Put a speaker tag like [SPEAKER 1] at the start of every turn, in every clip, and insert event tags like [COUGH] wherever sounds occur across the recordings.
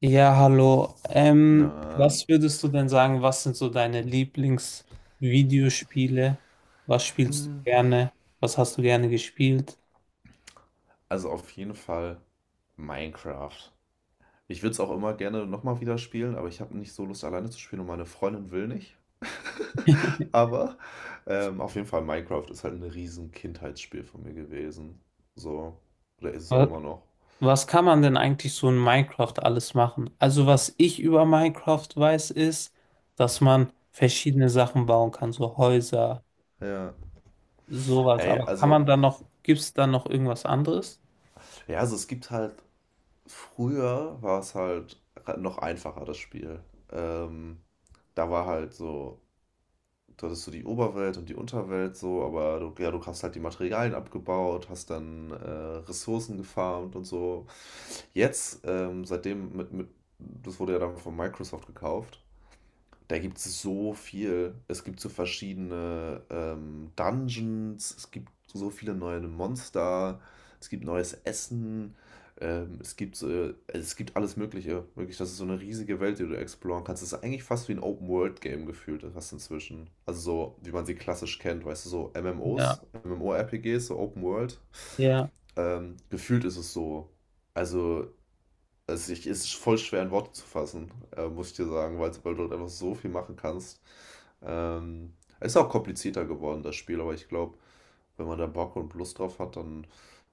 [SPEAKER 1] Ja, hallo.
[SPEAKER 2] Na.
[SPEAKER 1] Was würdest du denn sagen, was sind so deine Lieblingsvideospiele? Was spielst du
[SPEAKER 2] Mm.
[SPEAKER 1] gerne? Was hast du gerne gespielt?
[SPEAKER 2] Also auf jeden Fall Minecraft. Ich würde es auch immer gerne nochmal wieder spielen, aber ich habe nicht so Lust, alleine zu spielen und meine Freundin will nicht.
[SPEAKER 1] [LAUGHS]
[SPEAKER 2] Aber auf jeden Fall Minecraft ist halt ein riesen Kindheitsspiel von mir gewesen. So, oder ist es auch
[SPEAKER 1] Was,
[SPEAKER 2] immer noch.
[SPEAKER 1] was kann man denn eigentlich so in Minecraft alles machen? Also was ich über Minecraft weiß, ist, dass man verschiedene Sachen bauen kann, so Häuser,
[SPEAKER 2] Ja.
[SPEAKER 1] sowas.
[SPEAKER 2] Ey,
[SPEAKER 1] Aber kann man
[SPEAKER 2] also,
[SPEAKER 1] da noch, gibt es da noch irgendwas anderes?
[SPEAKER 2] ja, also es gibt halt, früher war es halt noch einfacher, das Spiel. Ähm, Da war halt so du hattest so die Oberwelt und die Unterwelt so, aber du, ja, du hast halt die Materialien abgebaut, hast dann Ressourcen gefarmt und so. Jetzt, seitdem das wurde ja dann von Microsoft gekauft, da gibt es so viel. Es gibt so verschiedene Dungeons, es gibt so viele neue Monster, es gibt neues Essen, es gibt alles Mögliche. Wirklich, das ist so eine riesige Welt, die du exploren kannst. Es ist eigentlich fast wie ein Open-World-Game gefühlt, fast inzwischen. Also so, wie man sie klassisch kennt, weißt du, so MMOs,
[SPEAKER 1] Ja.
[SPEAKER 2] MMORPGs, so Open-World.
[SPEAKER 1] Ja.
[SPEAKER 2] Gefühlt ist es so. Also also ich, es ist voll schwer in Worte zu fassen, muss ich dir sagen, weil, weil du dort einfach so viel machen kannst. Ähm, Es ist auch komplizierter geworden, das Spiel, aber ich glaube, wenn man da Bock und Lust drauf hat, dann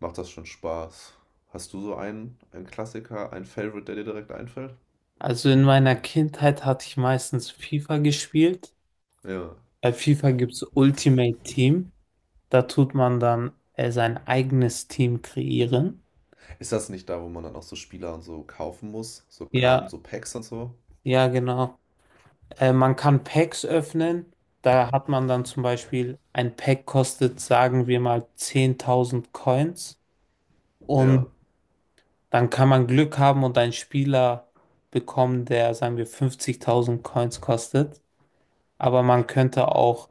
[SPEAKER 2] macht das schon Spaß. Hast du so einen Klassiker, einen Favorite, der dir direkt einfällt?
[SPEAKER 1] Also in meiner Kindheit hatte ich meistens FIFA gespielt.
[SPEAKER 2] Ja.
[SPEAKER 1] Bei FIFA gibt es Ultimate Team. Da tut man dann sein eigenes Team kreieren.
[SPEAKER 2] Ist das nicht da, wo man dann auch so Spieler und so kaufen muss? So Karten,
[SPEAKER 1] Ja,
[SPEAKER 2] so Packs und so?
[SPEAKER 1] ja, genau. Man kann Packs öffnen. Da hat man dann zum Beispiel, ein Pack kostet, sagen wir mal, 10.000 Coins. Und
[SPEAKER 2] Ja,
[SPEAKER 1] dann kann man Glück haben und einen Spieler bekommen, der, sagen wir, 50.000 Coins kostet. Aber man könnte auch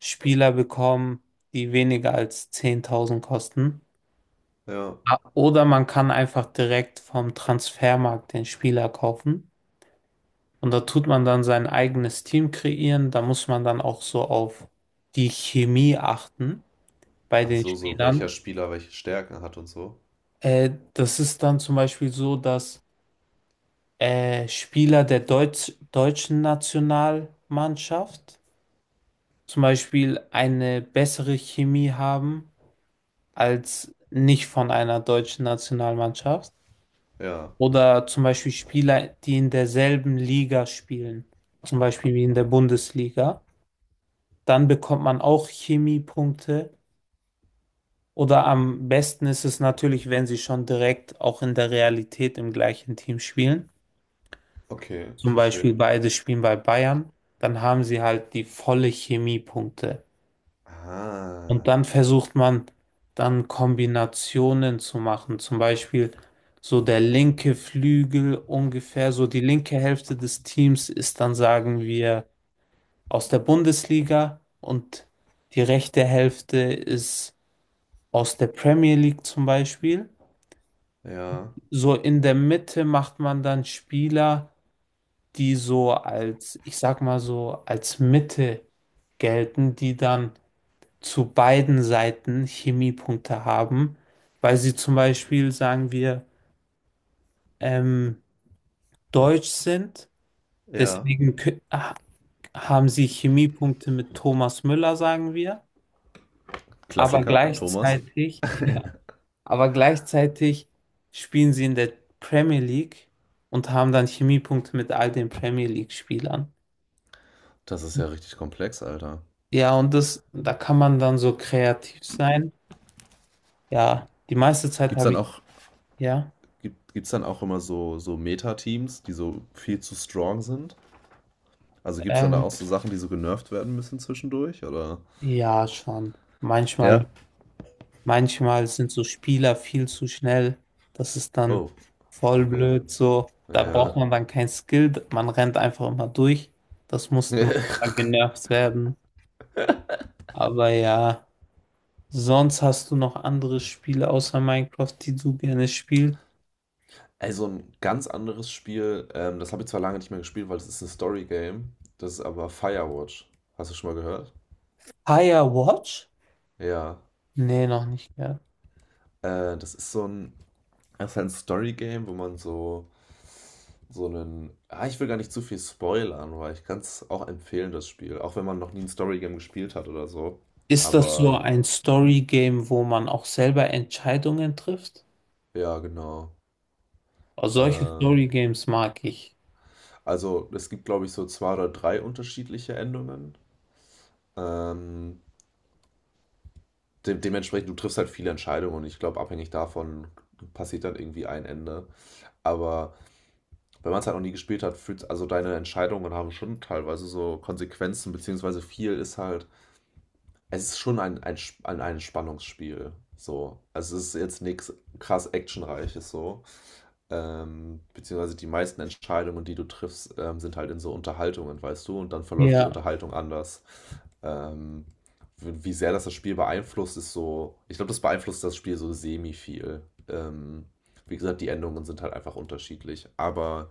[SPEAKER 1] Spieler bekommen, die weniger als 10.000 kosten.
[SPEAKER 2] ja.
[SPEAKER 1] Ah, oder man kann einfach direkt vom Transfermarkt den Spieler kaufen. Und da tut man dann sein eigenes Team kreieren. Da muss man dann auch so auf die Chemie achten bei
[SPEAKER 2] Ach
[SPEAKER 1] den
[SPEAKER 2] so, so welcher
[SPEAKER 1] Spielern.
[SPEAKER 2] Spieler welche Stärken hat und so?
[SPEAKER 1] Das ist dann zum Beispiel so, dass Spieler der deutschen Nationalmannschaft zum Beispiel eine bessere Chemie haben als nicht von einer deutschen Nationalmannschaft.
[SPEAKER 2] Ja,
[SPEAKER 1] Oder zum Beispiel Spieler, die in derselben Liga spielen, zum Beispiel wie in der Bundesliga. Dann bekommt man auch Chemiepunkte. Oder am besten ist es natürlich, wenn sie schon direkt auch in der Realität im gleichen Team spielen.
[SPEAKER 2] okay, ich
[SPEAKER 1] Zum Beispiel
[SPEAKER 2] verstehe.
[SPEAKER 1] beide spielen bei Bayern. Dann haben sie halt die volle Chemiepunkte. Und
[SPEAKER 2] Ah,
[SPEAKER 1] dann versucht man dann Kombinationen zu machen. Zum Beispiel so der linke Flügel ungefähr, so die linke Hälfte des Teams ist dann, sagen wir, aus der Bundesliga und die rechte Hälfte ist aus der Premier League zum Beispiel.
[SPEAKER 2] ja,
[SPEAKER 1] So in der Mitte macht man dann Spieler, die so als, ich sag mal so, als Mitte gelten, die dann zu beiden Seiten Chemiepunkte haben, weil sie zum Beispiel, sagen wir, ähm, deutsch sind.
[SPEAKER 2] ja.
[SPEAKER 1] Deswegen haben sie Chemiepunkte mit Thomas Müller, sagen wir. Aber
[SPEAKER 2] Klassiker, Thomas.
[SPEAKER 1] gleichzeitig, [LAUGHS] ja, aber gleichzeitig spielen sie in der Premier League und haben dann Chemiepunkte mit all den Premier League-Spielern.
[SPEAKER 2] Das ist ja richtig komplex, Alter.
[SPEAKER 1] Ja, und das, da kann man dann so kreativ sein. Ja, die meiste Zeit
[SPEAKER 2] Gibt's
[SPEAKER 1] habe
[SPEAKER 2] dann
[SPEAKER 1] ich,
[SPEAKER 2] auch,
[SPEAKER 1] ja.
[SPEAKER 2] gibt's dann auch immer so Meta-Teams, die so viel zu strong sind? Also gibt's dann da auch
[SPEAKER 1] Ähm,
[SPEAKER 2] so Sachen, die so genervt werden müssen zwischendurch, oder?
[SPEAKER 1] ja, schon. Manchmal,
[SPEAKER 2] Ja.
[SPEAKER 1] manchmal, sind so Spieler viel zu schnell. Das ist dann
[SPEAKER 2] Oh,
[SPEAKER 1] voll
[SPEAKER 2] okay.
[SPEAKER 1] blöd so. Da braucht
[SPEAKER 2] Ja.
[SPEAKER 1] man dann kein Skill. Man rennt einfach immer durch. Das musste mal
[SPEAKER 2] [LAUGHS]
[SPEAKER 1] genervt werden. Aber ja, sonst hast du noch andere Spiele außer Minecraft, die du gerne spielst.
[SPEAKER 2] Also ein ganz anderes Spiel, das habe ich zwar lange nicht mehr gespielt, weil es ist ein Story-Game. Das ist aber Firewatch. Hast du schon mal gehört?
[SPEAKER 1] Firewatch?
[SPEAKER 2] Ja.
[SPEAKER 1] Nee, noch nicht gehört.
[SPEAKER 2] Äh, das ist so ein, das ist halt ein Story-Game, wo man so einen. Ah, ich will gar nicht zu viel spoilern, weil ich kann es auch empfehlen, das Spiel. Auch wenn man noch nie ein Story-Game gespielt hat oder so.
[SPEAKER 1] Ist das so
[SPEAKER 2] Aber
[SPEAKER 1] ein Story-Game, wo man auch selber Entscheidungen trifft?
[SPEAKER 2] ja, genau.
[SPEAKER 1] Oh, solche
[SPEAKER 2] Ähm,
[SPEAKER 1] Story-Games mag ich.
[SPEAKER 2] also es gibt, glaube ich, so zwei oder drei unterschiedliche Endungen. Ähm, de Dementsprechend, du triffst halt viele Entscheidungen und ich glaube, abhängig davon passiert dann irgendwie ein Ende. Aber wenn man es halt noch nie gespielt hat, fühlt also deine Entscheidungen haben schon teilweise so Konsequenzen, beziehungsweise viel ist halt. Es ist schon ein Spannungsspiel. So. Also es ist jetzt nichts krass actionreiches so. Beziehungsweise die meisten Entscheidungen, die du triffst, sind halt in so Unterhaltungen, weißt du, und dann verläuft die
[SPEAKER 1] Ja.
[SPEAKER 2] Unterhaltung anders. Ähm, wie sehr das Spiel beeinflusst, ist so, ich glaube, das beeinflusst das Spiel so semi viel. Ähm, Wie gesagt, die Endungen sind halt einfach unterschiedlich, aber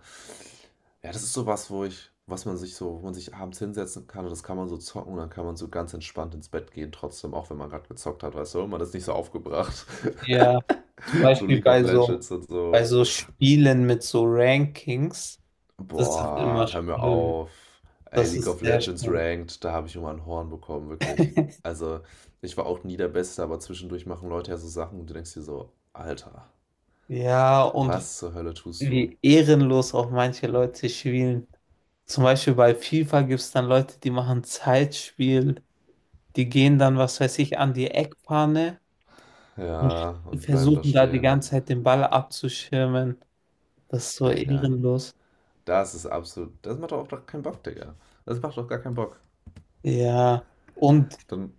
[SPEAKER 2] ja, das ist sowas, wo ich, was man sich so, wo man sich abends hinsetzen kann und das kann man so zocken und dann kann man so ganz entspannt ins Bett gehen, trotzdem, auch wenn man gerade gezockt hat, weißt du, man ist nicht so aufgebracht. [LAUGHS]
[SPEAKER 1] Ja, zum
[SPEAKER 2] So
[SPEAKER 1] Beispiel
[SPEAKER 2] League of Legends und
[SPEAKER 1] bei
[SPEAKER 2] so.
[SPEAKER 1] so Spielen mit so Rankings, das ist immer
[SPEAKER 2] Boah, hör mir
[SPEAKER 1] schlimm.
[SPEAKER 2] auf. Ey,
[SPEAKER 1] Das
[SPEAKER 2] League
[SPEAKER 1] ist
[SPEAKER 2] of
[SPEAKER 1] sehr
[SPEAKER 2] Legends
[SPEAKER 1] schlimm.
[SPEAKER 2] Ranked, da habe ich immer ein Horn bekommen, wirklich.
[SPEAKER 1] [LAUGHS]
[SPEAKER 2] Also, ich war auch nie der Beste, aber zwischendurch machen Leute ja so Sachen und du denkst dir so, Alter,
[SPEAKER 1] Ja, und
[SPEAKER 2] was zur Hölle tust du?
[SPEAKER 1] wie ehrenlos auch manche Leute spielen. Zum Beispiel bei FIFA gibt es dann Leute, die machen Zeitspiel, die gehen dann, was weiß ich, an die Eckfahne und
[SPEAKER 2] Ja, und bleiben da
[SPEAKER 1] versuchen da die
[SPEAKER 2] stehen.
[SPEAKER 1] ganze Zeit den Ball abzuschirmen. Das ist so
[SPEAKER 2] Digga,
[SPEAKER 1] ehrenlos.
[SPEAKER 2] das ist absolut, das macht doch auch gar keinen Bock, Digga. Das macht doch gar keinen Bock.
[SPEAKER 1] Ja, und
[SPEAKER 2] Dann,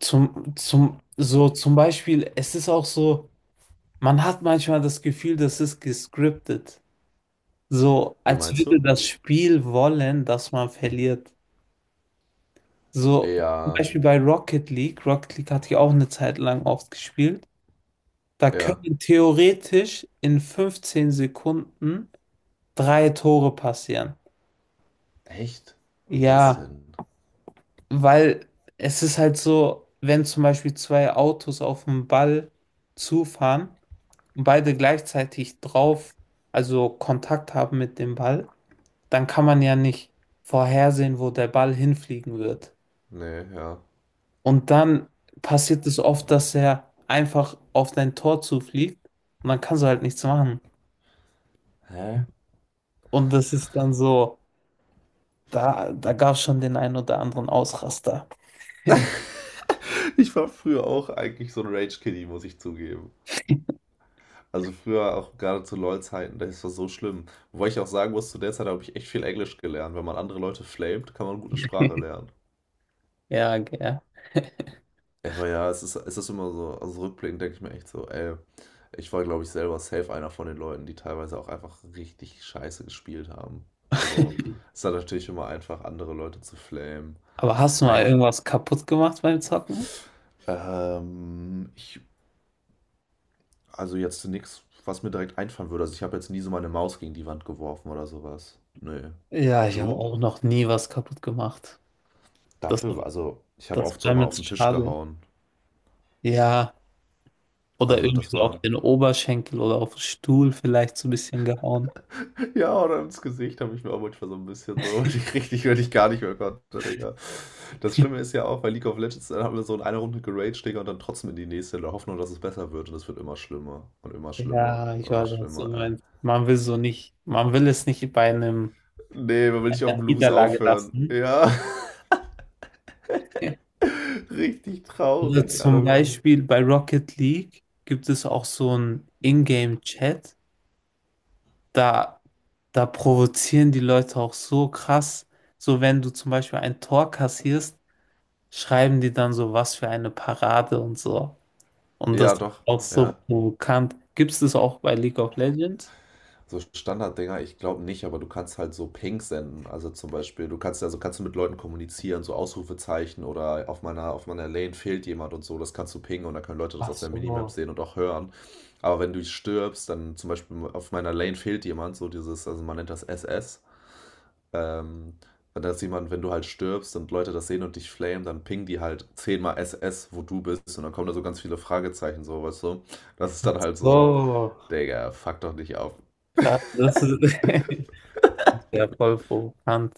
[SPEAKER 1] So zum Beispiel, es ist auch so, man hat manchmal das Gefühl, das ist gescriptet. So,
[SPEAKER 2] wie
[SPEAKER 1] als
[SPEAKER 2] meinst
[SPEAKER 1] würde
[SPEAKER 2] du?
[SPEAKER 1] das Spiel wollen, dass man verliert. So, zum
[SPEAKER 2] Ja,
[SPEAKER 1] Beispiel bei Rocket League. Rocket League hatte ich auch eine Zeit lang oft gespielt. Da
[SPEAKER 2] ja.
[SPEAKER 1] können theoretisch in 15 Sekunden drei Tore passieren.
[SPEAKER 2] Echt? Wie das
[SPEAKER 1] Ja,
[SPEAKER 2] denn?
[SPEAKER 1] weil es ist halt so, wenn zum Beispiel zwei Autos auf den Ball zufahren und beide gleichzeitig drauf, also Kontakt haben mit dem Ball, dann kann man ja nicht vorhersehen, wo der Ball hinfliegen wird.
[SPEAKER 2] Nee, ja.
[SPEAKER 1] Und dann passiert es oft, dass er einfach auf dein Tor zufliegt und dann kannst du halt nichts machen.
[SPEAKER 2] Hä?
[SPEAKER 1] Und das ist dann so, da gab es schon den einen oder anderen Ausraster.
[SPEAKER 2] Ich war früher auch eigentlich so ein Rage-Kiddy, muss ich zugeben. Also früher auch gerade zu LOL-Zeiten, das war so schlimm. Wobei ich auch sagen muss, zu der Zeit habe ich echt viel Englisch gelernt. Wenn man andere Leute flamet, kann man gute Sprache lernen.
[SPEAKER 1] Ja, gell.
[SPEAKER 2] Aber ja, es ist immer so, also rückblickend denke ich mir echt so, ey, ich war, glaube ich, selber safe einer von den Leuten, die teilweise auch einfach richtig scheiße gespielt haben. So,
[SPEAKER 1] [LAUGHS]
[SPEAKER 2] es ist dann natürlich immer einfach, andere Leute zu flamen.
[SPEAKER 1] Aber hast du mal
[SPEAKER 2] Minecraft,
[SPEAKER 1] irgendwas kaputt gemacht beim Zocken?
[SPEAKER 2] ähm, ich, also jetzt nichts, was mir direkt einfallen würde. Also ich habe jetzt nie so meine Maus gegen die Wand geworfen oder sowas. Nö.
[SPEAKER 1] Ja, ich habe
[SPEAKER 2] Du?
[SPEAKER 1] auch noch nie was kaputt gemacht. Das,
[SPEAKER 2] Dafür, also, ich habe
[SPEAKER 1] das
[SPEAKER 2] oft
[SPEAKER 1] wäre
[SPEAKER 2] so mal
[SPEAKER 1] mir
[SPEAKER 2] auf
[SPEAKER 1] jetzt
[SPEAKER 2] den Tisch
[SPEAKER 1] schade.
[SPEAKER 2] gehauen.
[SPEAKER 1] Ja, oder
[SPEAKER 2] Also,
[SPEAKER 1] irgendwie
[SPEAKER 2] das
[SPEAKER 1] so auf
[SPEAKER 2] war.
[SPEAKER 1] den
[SPEAKER 2] [LAUGHS]
[SPEAKER 1] Oberschenkel oder auf den Stuhl vielleicht so ein bisschen gehauen.
[SPEAKER 2] Ja, oder ins Gesicht habe ich mir auch manchmal so ein bisschen so, [LAUGHS] wenn ich gar nicht mehr konnte, Digga. Das Schlimme ist ja auch, bei League of Legends, dann haben wir so in einer Runde geraged, Digga, und dann trotzdem in die nächste, in der Hoffnung, dass es besser wird. Und es wird immer schlimmer und immer schlimmer
[SPEAKER 1] Ja, ich
[SPEAKER 2] und immer
[SPEAKER 1] weiß, was du
[SPEAKER 2] schlimmer, ey.
[SPEAKER 1] meinst. Man will so nicht, man will es nicht bei einem,
[SPEAKER 2] Nee, man will nicht auf
[SPEAKER 1] einer
[SPEAKER 2] dem Blues
[SPEAKER 1] Niederlage
[SPEAKER 2] aufhören.
[SPEAKER 1] lassen.
[SPEAKER 2] Ja, [LAUGHS]
[SPEAKER 1] [LAUGHS]
[SPEAKER 2] richtig
[SPEAKER 1] Oder
[SPEAKER 2] traurig,
[SPEAKER 1] zum
[SPEAKER 2] Alter.
[SPEAKER 1] Beispiel bei Rocket League gibt es auch so einen Ingame-Chat. Da, da provozieren die Leute auch so krass. So, wenn du zum Beispiel ein Tor kassierst, schreiben die dann so, was für eine Parade und so. Und das
[SPEAKER 2] Ja,
[SPEAKER 1] ist
[SPEAKER 2] doch,
[SPEAKER 1] auch so
[SPEAKER 2] ja.
[SPEAKER 1] provokant. Gibt es das auch bei League of Legends?
[SPEAKER 2] So Standarddinger, ich glaube nicht, aber du kannst halt so Ping senden. Also zum Beispiel, du kannst also kannst du mit Leuten kommunizieren, so Ausrufezeichen oder auf meiner Lane fehlt jemand und so, das kannst du pingen und dann können Leute das
[SPEAKER 1] Ach
[SPEAKER 2] auf der Minimap
[SPEAKER 1] so.
[SPEAKER 2] sehen und auch hören. Aber wenn du stirbst, dann zum Beispiel auf meiner Lane fehlt jemand, so dieses, also man nennt das SS. Ähm, wenn das jemand, Wenn du halt stirbst und Leute das sehen und dich flamen, dann pingen die halt zehnmal SS, wo du bist und dann kommen da so ganz viele Fragezeichen, so, weißt du? Das ist
[SPEAKER 1] Ach
[SPEAKER 2] dann halt so,
[SPEAKER 1] so.
[SPEAKER 2] Digga, fuck doch nicht auf.
[SPEAKER 1] Krass, das ist [LAUGHS] ja voll provokant.